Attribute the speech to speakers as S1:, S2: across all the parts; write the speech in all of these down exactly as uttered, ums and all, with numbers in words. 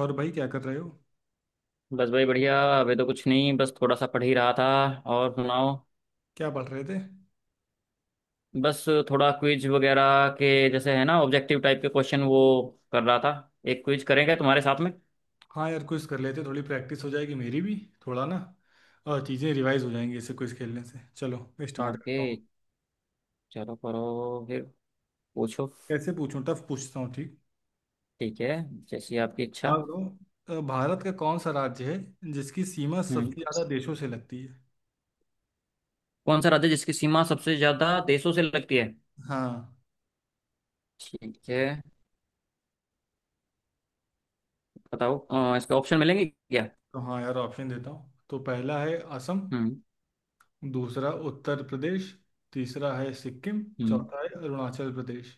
S1: और भाई, क्या कर रहे हो?
S2: बस भाई बढ़िया। अभी तो कुछ नहीं, बस थोड़ा सा पढ़ ही रहा था। और सुनाओ।
S1: क्या पढ़ रहे थे?
S2: बस, थोड़ा क्विज वगैरह के जैसे है ना, ऑब्जेक्टिव टाइप के क्वेश्चन, वो कर रहा था। एक क्विज करेंगे तुम्हारे साथ में।
S1: हाँ यार, क्विज कर लेते, थोड़ी प्रैक्टिस हो जाएगी मेरी भी। थोड़ा ना और चीज़ें रिवाइज हो जाएंगी ऐसे क्विज खेलने से। चलो मैं स्टार्ट
S2: ओके।
S1: करता हूँ।
S2: चलो करो फिर। पूछो।
S1: कैसे पूछूं? टफ पूछता हूँ, ठीक।
S2: ठीक है, जैसी आपकी इच्छा।
S1: हाँ तो, अ, भारत का कौन सा राज्य है जिसकी सीमा
S2: हम्म।
S1: सबसे ज़्यादा देशों से लगती है?
S2: कौन सा राज्य जिसकी सीमा सबसे ज्यादा देशों से लगती है।
S1: हाँ।
S2: ठीक है, बताओ। अ, इसके ऑप्शन मिलेंगे क्या?
S1: तो हाँ यार, ऑप्शन देता हूँ। तो पहला है असम।
S2: हम्म।
S1: दूसरा उत्तर प्रदेश। तीसरा है सिक्किम।
S2: हम्म।
S1: चौथा है अरुणाचल प्रदेश।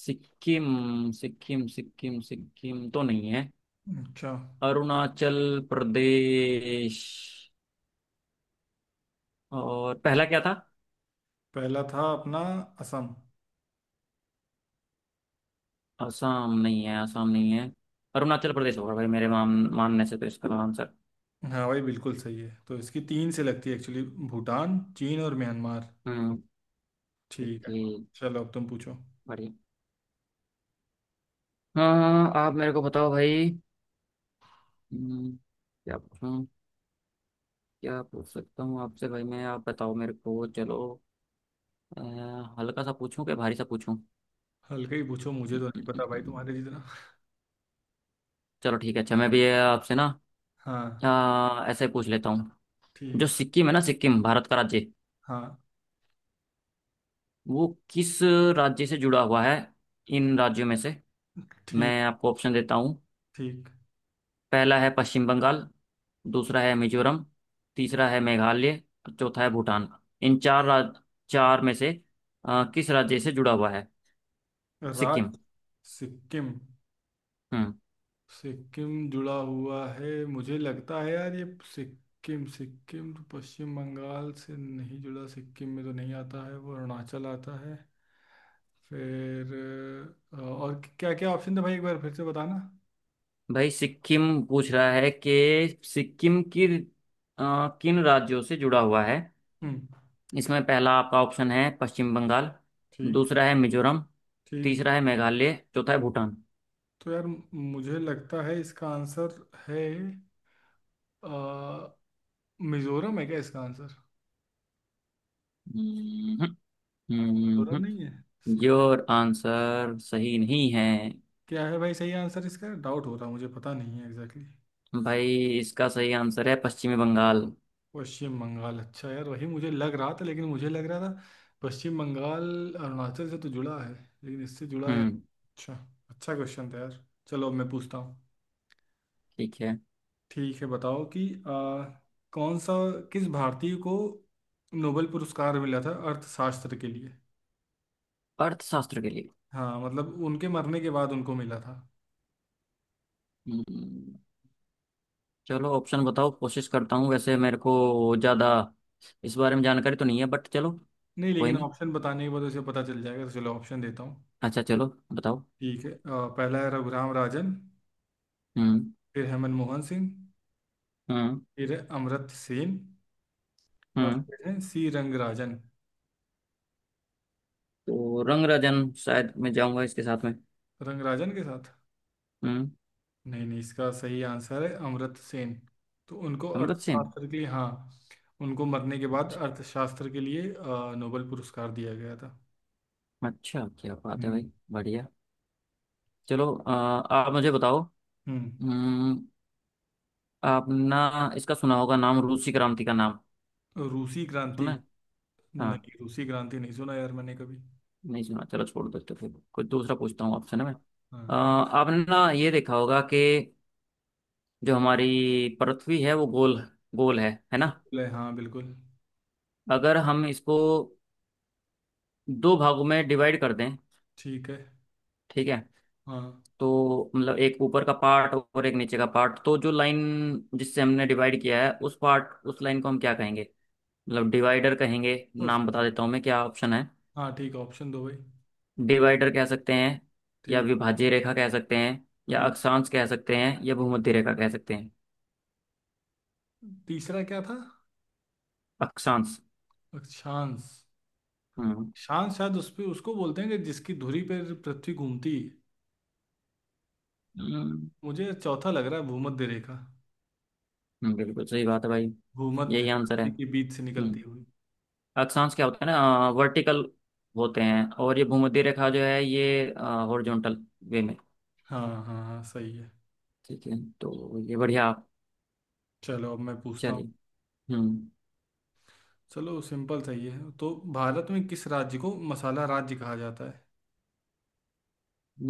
S2: सिक्किम, सिक्किम, सिक्किम, सिक्किम तो नहीं है।
S1: अच्छा।
S2: अरुणाचल प्रदेश। और पहला क्या था?
S1: पहला था अपना असम।
S2: असम नहीं है, असम नहीं है। अरुणाचल प्रदेश होगा भाई, मेरे मान मानने से तो, इसका आंसर।
S1: हाँ भाई, बिल्कुल सही है। तो इसकी तीन से लगती है एक्चुअली, भूटान, चीन और म्यांमार।
S2: हम्म।
S1: ठीक है।
S2: ओके।
S1: चलो अब तुम पूछो।
S2: बढ़िया। हाँ हाँ, हाँ, आप मेरे को बताओ भाई। हम्म, क्या पूछूं? क्या पूछ सकता हूँ आपसे भाई मैं? आप बताओ मेरे को, चलो। अ, हल्का सा पूछूं क्या भारी सा पूछूं?
S1: हल्का ही पूछो, मुझे तो नहीं पता भाई तुम्हारे जितना।
S2: चलो ठीक है। अच्छा, मैं भी आपसे ना,
S1: हाँ।
S2: अ, ऐसे ही पूछ लेता हूँ।
S1: ठीक
S2: जो
S1: है।
S2: सिक्किम है ना, सिक्किम भारत का राज्य,
S1: हाँ।
S2: वो किस राज्य से जुड़ा हुआ है इन राज्यों में से?
S1: ठीक।
S2: मैं आपको ऑप्शन देता हूँ।
S1: ठीक।
S2: पहला है पश्चिम बंगाल, दूसरा है मिजोरम, तीसरा है मेघालय और चौथा है भूटान। इन चार राज चार में से अ, किस राज्य से जुड़ा हुआ है सिक्किम?
S1: राज्य। सिक्किम।
S2: हम्म।
S1: सिक्किम जुड़ा हुआ है, मुझे लगता है यार ये। सिक्किम सिक्किम तो पश्चिम बंगाल से नहीं जुड़ा, सिक्किम में तो नहीं आता है वो, अरुणाचल आता है फिर। अ, और क्या क्या ऑप्शन था भाई, एक बार फिर से बताना।
S2: भाई सिक्किम पूछ रहा है कि सिक्किम की अ, किन राज्यों से जुड़ा हुआ है।
S1: हम्म।
S2: इसमें पहला आपका ऑप्शन है पश्चिम बंगाल,
S1: ठीक।
S2: दूसरा है मिजोरम,
S1: ठीक।
S2: तीसरा है मेघालय, चौथा है भूटान।
S1: तो यार मुझे लगता है इसका आंसर है, अ, मिजोरम है क्या इसका आंसर?
S2: हम्म।
S1: मिजोरम
S2: हम्म
S1: नहीं है। सही-
S2: योर आंसर सही नहीं है
S1: क्या है भाई सही आंसर इसका? डाउट हो रहा, मुझे पता नहीं है एग्जैक्टली।
S2: भाई। इसका सही आंसर है पश्चिमी बंगाल।
S1: पश्चिम बंगाल? अच्छा यार, वही मुझे लग रहा था, लेकिन मुझे लग रहा था पश्चिम बंगाल। अरुणाचल से तो जुड़ा है, लेकिन इससे जुड़ा है।
S2: हम्म।
S1: अच्छा। अच्छा क्वेश्चन था यार। चलो अब मैं पूछता हूँ।
S2: ठीक है।
S1: ठीक है, बताओ कि अ, कौन सा, किस भारतीय को नोबेल पुरस्कार मिला था अर्थशास्त्र के लिए?
S2: अर्थशास्त्र के लिए।
S1: हाँ मतलब उनके मरने के बाद उनको मिला था।
S2: हम्म, चलो, ऑप्शन बताओ, कोशिश करता हूँ। वैसे मेरे को ज़्यादा इस बारे में जानकारी तो नहीं है, बट चलो।
S1: नहीं,
S2: कोई
S1: लेकिन
S2: नहीं।
S1: ऑप्शन बताने के बाद उसे पता चल जाएगा, तो चलो ऑप्शन देता हूँ।
S2: अच्छा, चलो बताओ।
S1: ठीक है, अ, पहला है रघुराम राजन।
S2: हम्म।
S1: फिर हेमंत मोहन सिंह।
S2: हम्म।
S1: फिर है अमर्त्य सेन। और
S2: हम्म
S1: फिर है सी रंगराजन।
S2: तो रंग राजन शायद मैं जाऊंगा इसके साथ में।
S1: रंगराजन के साथ?
S2: हम्म।
S1: नहीं नहीं, इसका सही आंसर है अमर्त्य सेन। तो उनको
S2: अमृत सिंह।
S1: अर्थशास्त्र के लिए, हाँ, उनको मरने के बाद अर्थशास्त्र के लिए अ, नोबेल पुरस्कार दिया गया था।
S2: अच्छा, क्या बात है
S1: हम्म।
S2: भाई, बढ़िया। चलो, अ, आप मुझे बताओ।
S1: हम्म।
S2: हम्म। आपने इसका सुना होगा नाम, रूसी क्रांति का नाम।
S1: रूसी क्रांति?
S2: सुना है? हाँ।
S1: नहीं, रूसी क्रांति नहीं सुना यार मैंने कभी।
S2: नहीं सुना, चलो छोड़ देते, फिर कुछ दूसरा पूछता हूँ आपसे ना मैं। अ,
S1: हाँ।
S2: आपने ना ये देखा होगा कि जो हमारी पृथ्वी है वो गोल गोल है है ना?
S1: ले हाँ बिल्कुल।
S2: अगर हम इसको दो भागों में डिवाइड कर दें,
S1: ठीक है।
S2: ठीक है?
S1: हाँ।
S2: तो मतलब एक ऊपर का पार्ट और एक नीचे का पार्ट, तो जो लाइन जिससे हमने डिवाइड किया है, उस पार्ट उस लाइन को हम क्या कहेंगे, मतलब डिवाइडर कहेंगे नाम
S1: उसको।
S2: बता देता हूँ मैं, क्या ऑप्शन है।
S1: हाँ ठीक, ऑप्शन दो भाई।
S2: डिवाइडर कह सकते हैं, या
S1: ठीक।
S2: विभाज्य रेखा कह सकते हैं, या
S1: ठीक।
S2: अक्षांश कह सकते हैं, या भूमध्य रेखा कह सकते हैं।
S1: तीसरा क्या था?
S2: अक्षांश।
S1: अक्षांश।
S2: हम्म।
S1: शांत, शायद उस पे उसको बोलते हैं कि जिसकी धुरी पर पृथ्वी घूमती है।
S2: हम्म।
S1: मुझे चौथा लग रहा है, भूमध्य रेखा।
S2: हम्म, बिल्कुल सही बात है भाई।
S1: भूमध्य,
S2: यही आंसर है।
S1: पृथ्वी के बीच से निकलती
S2: हम्म।
S1: हुई।
S2: अक्षांश क्या होता है ना, वर्टिकल होते हैं, और ये भूमध्य रेखा जो है, ये हॉरिजॉन्टल वे में।
S1: हाँ हाँ हाँ, सही है।
S2: ठीक है, तो ये बढ़िया आप।
S1: चलो अब मैं पूछता हूँ।
S2: चलिए। हम्म।
S1: चलो सिंपल सही है, तो भारत में किस राज्य को मसाला राज्य कहा जाता है?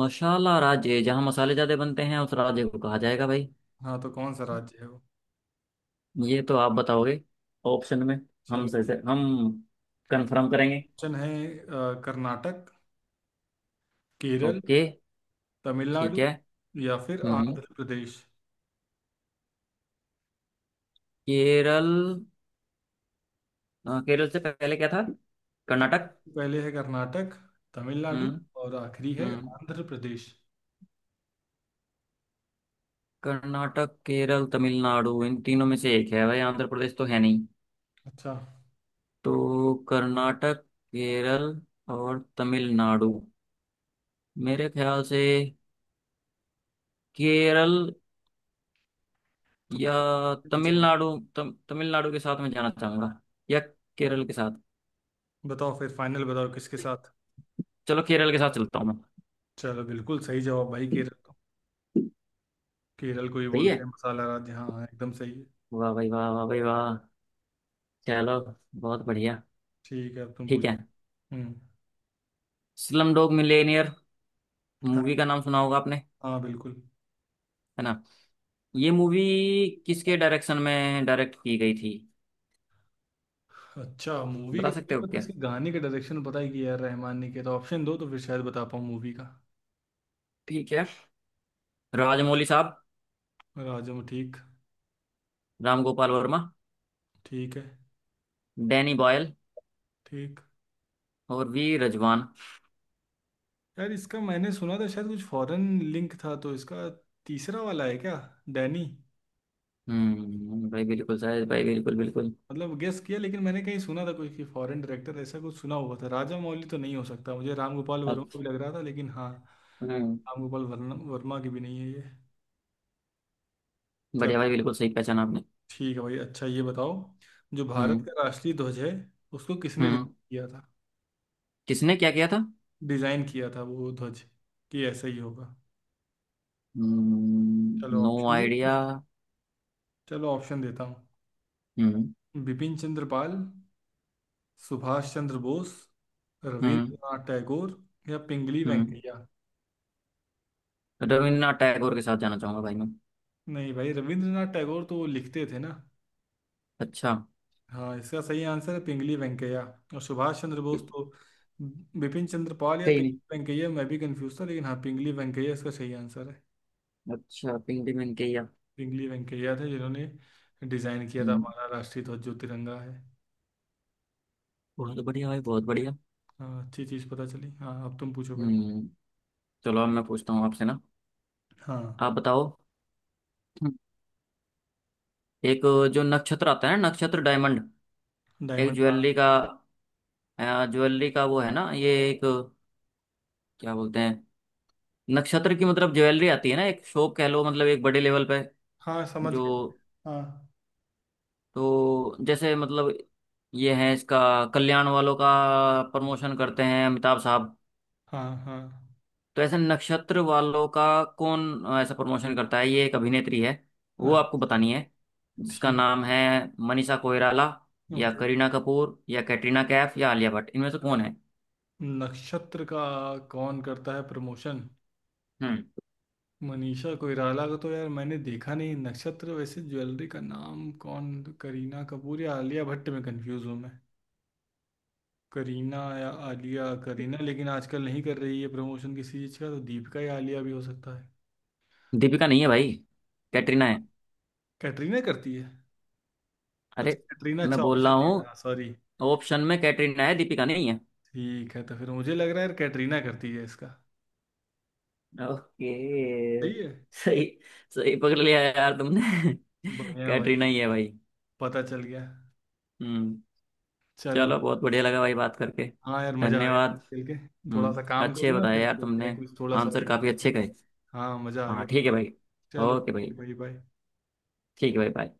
S2: मसाला राज्य जहाँ मसाले ज्यादा बनते हैं, उस राज्य को कहा जाएगा भाई।
S1: हाँ, तो कौन सा राज्य है वो?
S2: ये तो आप बताओगे, ऑप्शन में, हम से,
S1: चलो,
S2: से हम कंफर्म करेंगे।
S1: ऑप्शन है अ, कर्नाटक, केरल,
S2: ओके। ठीक
S1: तमिलनाडु,
S2: है।
S1: या फिर
S2: हम्म।
S1: आंध्र प्रदेश।
S2: केरल। अ, केरल से पहले क्या था?
S1: ठीक
S2: कर्नाटक।
S1: है, पहले है कर्नाटक, तमिलनाडु,
S2: हम्म।
S1: और आखिरी है
S2: हम्म।
S1: आंध्र प्रदेश।
S2: कर्नाटक, केरल, तमिलनाडु, इन तीनों में से एक है भाई। आंध्र प्रदेश तो है नहीं।
S1: अच्छा।
S2: तो कर्नाटक, केरल और तमिलनाडु, मेरे ख्याल से केरल,
S1: तो
S2: या
S1: केरल जाओ।
S2: तमिलनाडु। तम, तमिलनाडु के साथ मैं जाना चाहूंगा, या केरल के साथ।
S1: बताओ फिर, फाइनल बताओ किसके साथ।
S2: चलो, केरल के साथ चलता हूँ मैं।
S1: चलो बिल्कुल सही जवाब भाई, केरल को, केरल को ही
S2: सही है।
S1: बोलते हैं मसाला राज्य। हाँ हाँ, एकदम सही है।
S2: वाह भाई वाह, वाह भाई वाह। चलो, बहुत बढ़िया।
S1: ठीक है, अब तुम
S2: ठीक है।
S1: पूछो। हम्म।
S2: स्लम डॉग मिलियनेयर
S1: हाँ।
S2: मूवी का नाम सुना होगा आपने, है
S1: हाँ बिल्कुल।
S2: ना? ये मूवी किसके डायरेक्शन में डायरेक्ट की गई थी,
S1: अच्छा मूवी का
S2: बता
S1: मुझे
S2: सकते हो
S1: पता है,
S2: क्या?
S1: इसके गाने का डायरेक्शन पता है कि यार रहमान ने किया था। ऑप्शन दो तो फिर शायद बता पाऊँ मूवी का।
S2: ठीक है। राजमौली साहब,
S1: राजा। ठीक।
S2: राम गोपाल वर्मा,
S1: ठीक है।
S2: डैनी बॉयल
S1: ठीक।
S2: और वी रजवान।
S1: यार इसका मैंने सुना था, शायद कुछ फॉरेन लिंक था तो इसका। तीसरा वाला है क्या, डैनी?
S2: हम्म। भाई बिल्कुल सही, भाई बिल्कुल बिल्कुल।
S1: मतलब गेस किया, लेकिन मैंने कहीं सुना था कोई कि फॉरेन डायरेक्टर, ऐसा कुछ सुना हुआ था। राजा मौली तो नहीं हो सकता मुझे। राम गोपाल वर्मा भी
S2: अच्छा।
S1: लग रहा था लेकिन, हाँ।
S2: हम्म।
S1: राम गोपाल वर्मा वर्मा की भी नहीं है ये।
S2: बढ़िया भाई,
S1: चलो।
S2: बिल्कुल सही पहचाना आपने।
S1: ठीक है भाई, अच्छा ये बताओ, जो भारत
S2: हम्म।
S1: का राष्ट्रीय ध्वज है उसको किसने डिजाइन
S2: हम्म।
S1: किया था?
S2: किसने क्या किया था?
S1: डिजाइन किया था वो ध्वज, कि ऐसा ही होगा।
S2: हम्म
S1: चलो
S2: नो
S1: ऑप्शन दूँ,
S2: आइडिया।
S1: चलो ऑप्शन देता हूँ।
S2: हम्म।
S1: बिपिन चंद्र पाल, सुभाष चंद्र बोस,
S2: हम्म।
S1: रविंद्रनाथ टैगोर, या पिंगली
S2: हम्म
S1: वेंकैया।
S2: रविन्द्रनाथ टैगोर के साथ जाना चाहूंगा भाई मैं।
S1: नहीं भाई, रविंद्रनाथ टैगोर तो वो लिखते थे ना।
S2: अच्छा।
S1: हाँ, इसका सही आंसर है पिंगली वेंकैया। और सुभाष चंद्र बोस तो, बिपिन चंद्र पाल या पिंगली
S2: सही।
S1: वेंकैया मैं भी कंफ्यूज था, लेकिन हाँ, पिंगली वेंकैया इसका सही आंसर है।
S2: अच्छा, पिंक डिमन के या?
S1: पिंगली वेंकैया थे जिन्होंने डिजाइन किया था
S2: हम्म।
S1: हमारा राष्ट्रीय ध्वज जो तिरंगा है।
S2: बहुत बढ़िया भाई, बहुत बढ़िया।
S1: हाँ, अच्छी चीज पता चली। हाँ, अब तुम पूछो भाई।
S2: हम्म। चलो अब मैं पूछता हूँ आपसे ना,
S1: हाँ।
S2: आप बताओ। हम्म, एक जो नक्षत्र आता है ना, नक्षत्र डायमंड, एक
S1: डायमंड, हाँ।
S2: ज्वेलरी का, अ, ज्वेलरी का वो है ना, ये एक क्या बोलते हैं, नक्षत्र की, मतलब ज्वेलरी आती है ना, एक शॉप कह लो, मतलब एक बड़े लेवल पे
S1: हाँ, समझ गए।
S2: जो,
S1: हाँ।
S2: तो जैसे मतलब ये है इसका, कल्याण वालों का प्रमोशन करते हैं अमिताभ साहब,
S1: हाँ हाँ
S2: तो ऐसे नक्षत्र वालों का कौन अ, ऐसा प्रमोशन करता है, ये एक अभिनेत्री है, वो आपको
S1: अच्छा।
S2: बतानी है, जिसका
S1: ठीक।
S2: नाम है मनीषा कोइराला, या
S1: ओके।
S2: करीना कपूर या कैटरीना कैफ या आलिया भट्ट, इनमें से कौन है?
S1: नक्षत्र का कौन करता है प्रमोशन?
S2: हम्म
S1: मनीषा कोइराला का तो यार मैंने देखा नहीं नक्षत्र, वैसे ज्वेलरी का नाम। कौन, करीना कपूर या आलिया भट्ट में कंफ्यूज हूँ मैं। करीना या आलिया, करीना लेकिन आजकल नहीं कर रही है प्रमोशन किसी चीज़ का, तो दीपिका या आलिया भी हो सकता है।
S2: दीपिका नहीं है भाई, कैटरीना है।
S1: कैटरीना करती है? अच्छा
S2: अरे,
S1: कैटरीना,
S2: मैं
S1: अच्छा
S2: बोल रहा
S1: ऑप्शन दे
S2: हूँ,
S1: रहा, सॉरी।
S2: ऑप्शन में कैटरीना है, दीपिका नहीं है।
S1: ठीक है, तो फिर मुझे लग रहा है यार कैटरीना करती है इसका।
S2: ओके।
S1: सही है।
S2: सही, सही पकड़ लिया यार तुमने।
S1: बढ़िया
S2: कैटरीना
S1: भाई,
S2: ही है भाई।
S1: पता चल गया।
S2: हम्म।
S1: चलो।
S2: चलो, बहुत बढ़िया लगा भाई बात करके।
S1: हाँ यार मजा आ गया
S2: धन्यवाद।
S1: खेल के। थोड़ा
S2: हम्म
S1: सा काम कर
S2: अच्छे
S1: लो ना,
S2: बताए
S1: फिर
S2: यार
S1: खेलते हैं
S2: तुमने।
S1: कुछ थोड़ा सा
S2: आंसर
S1: और
S2: काफी अच्छे
S1: entertainment
S2: कहे।
S1: करें। हाँ, मजा आ
S2: हाँ ठीक है
S1: गया।
S2: भाई।
S1: चलो
S2: ओके
S1: ठीक
S2: भाई।
S1: है भाई, बाय।
S2: ठीक है भाई, बाय।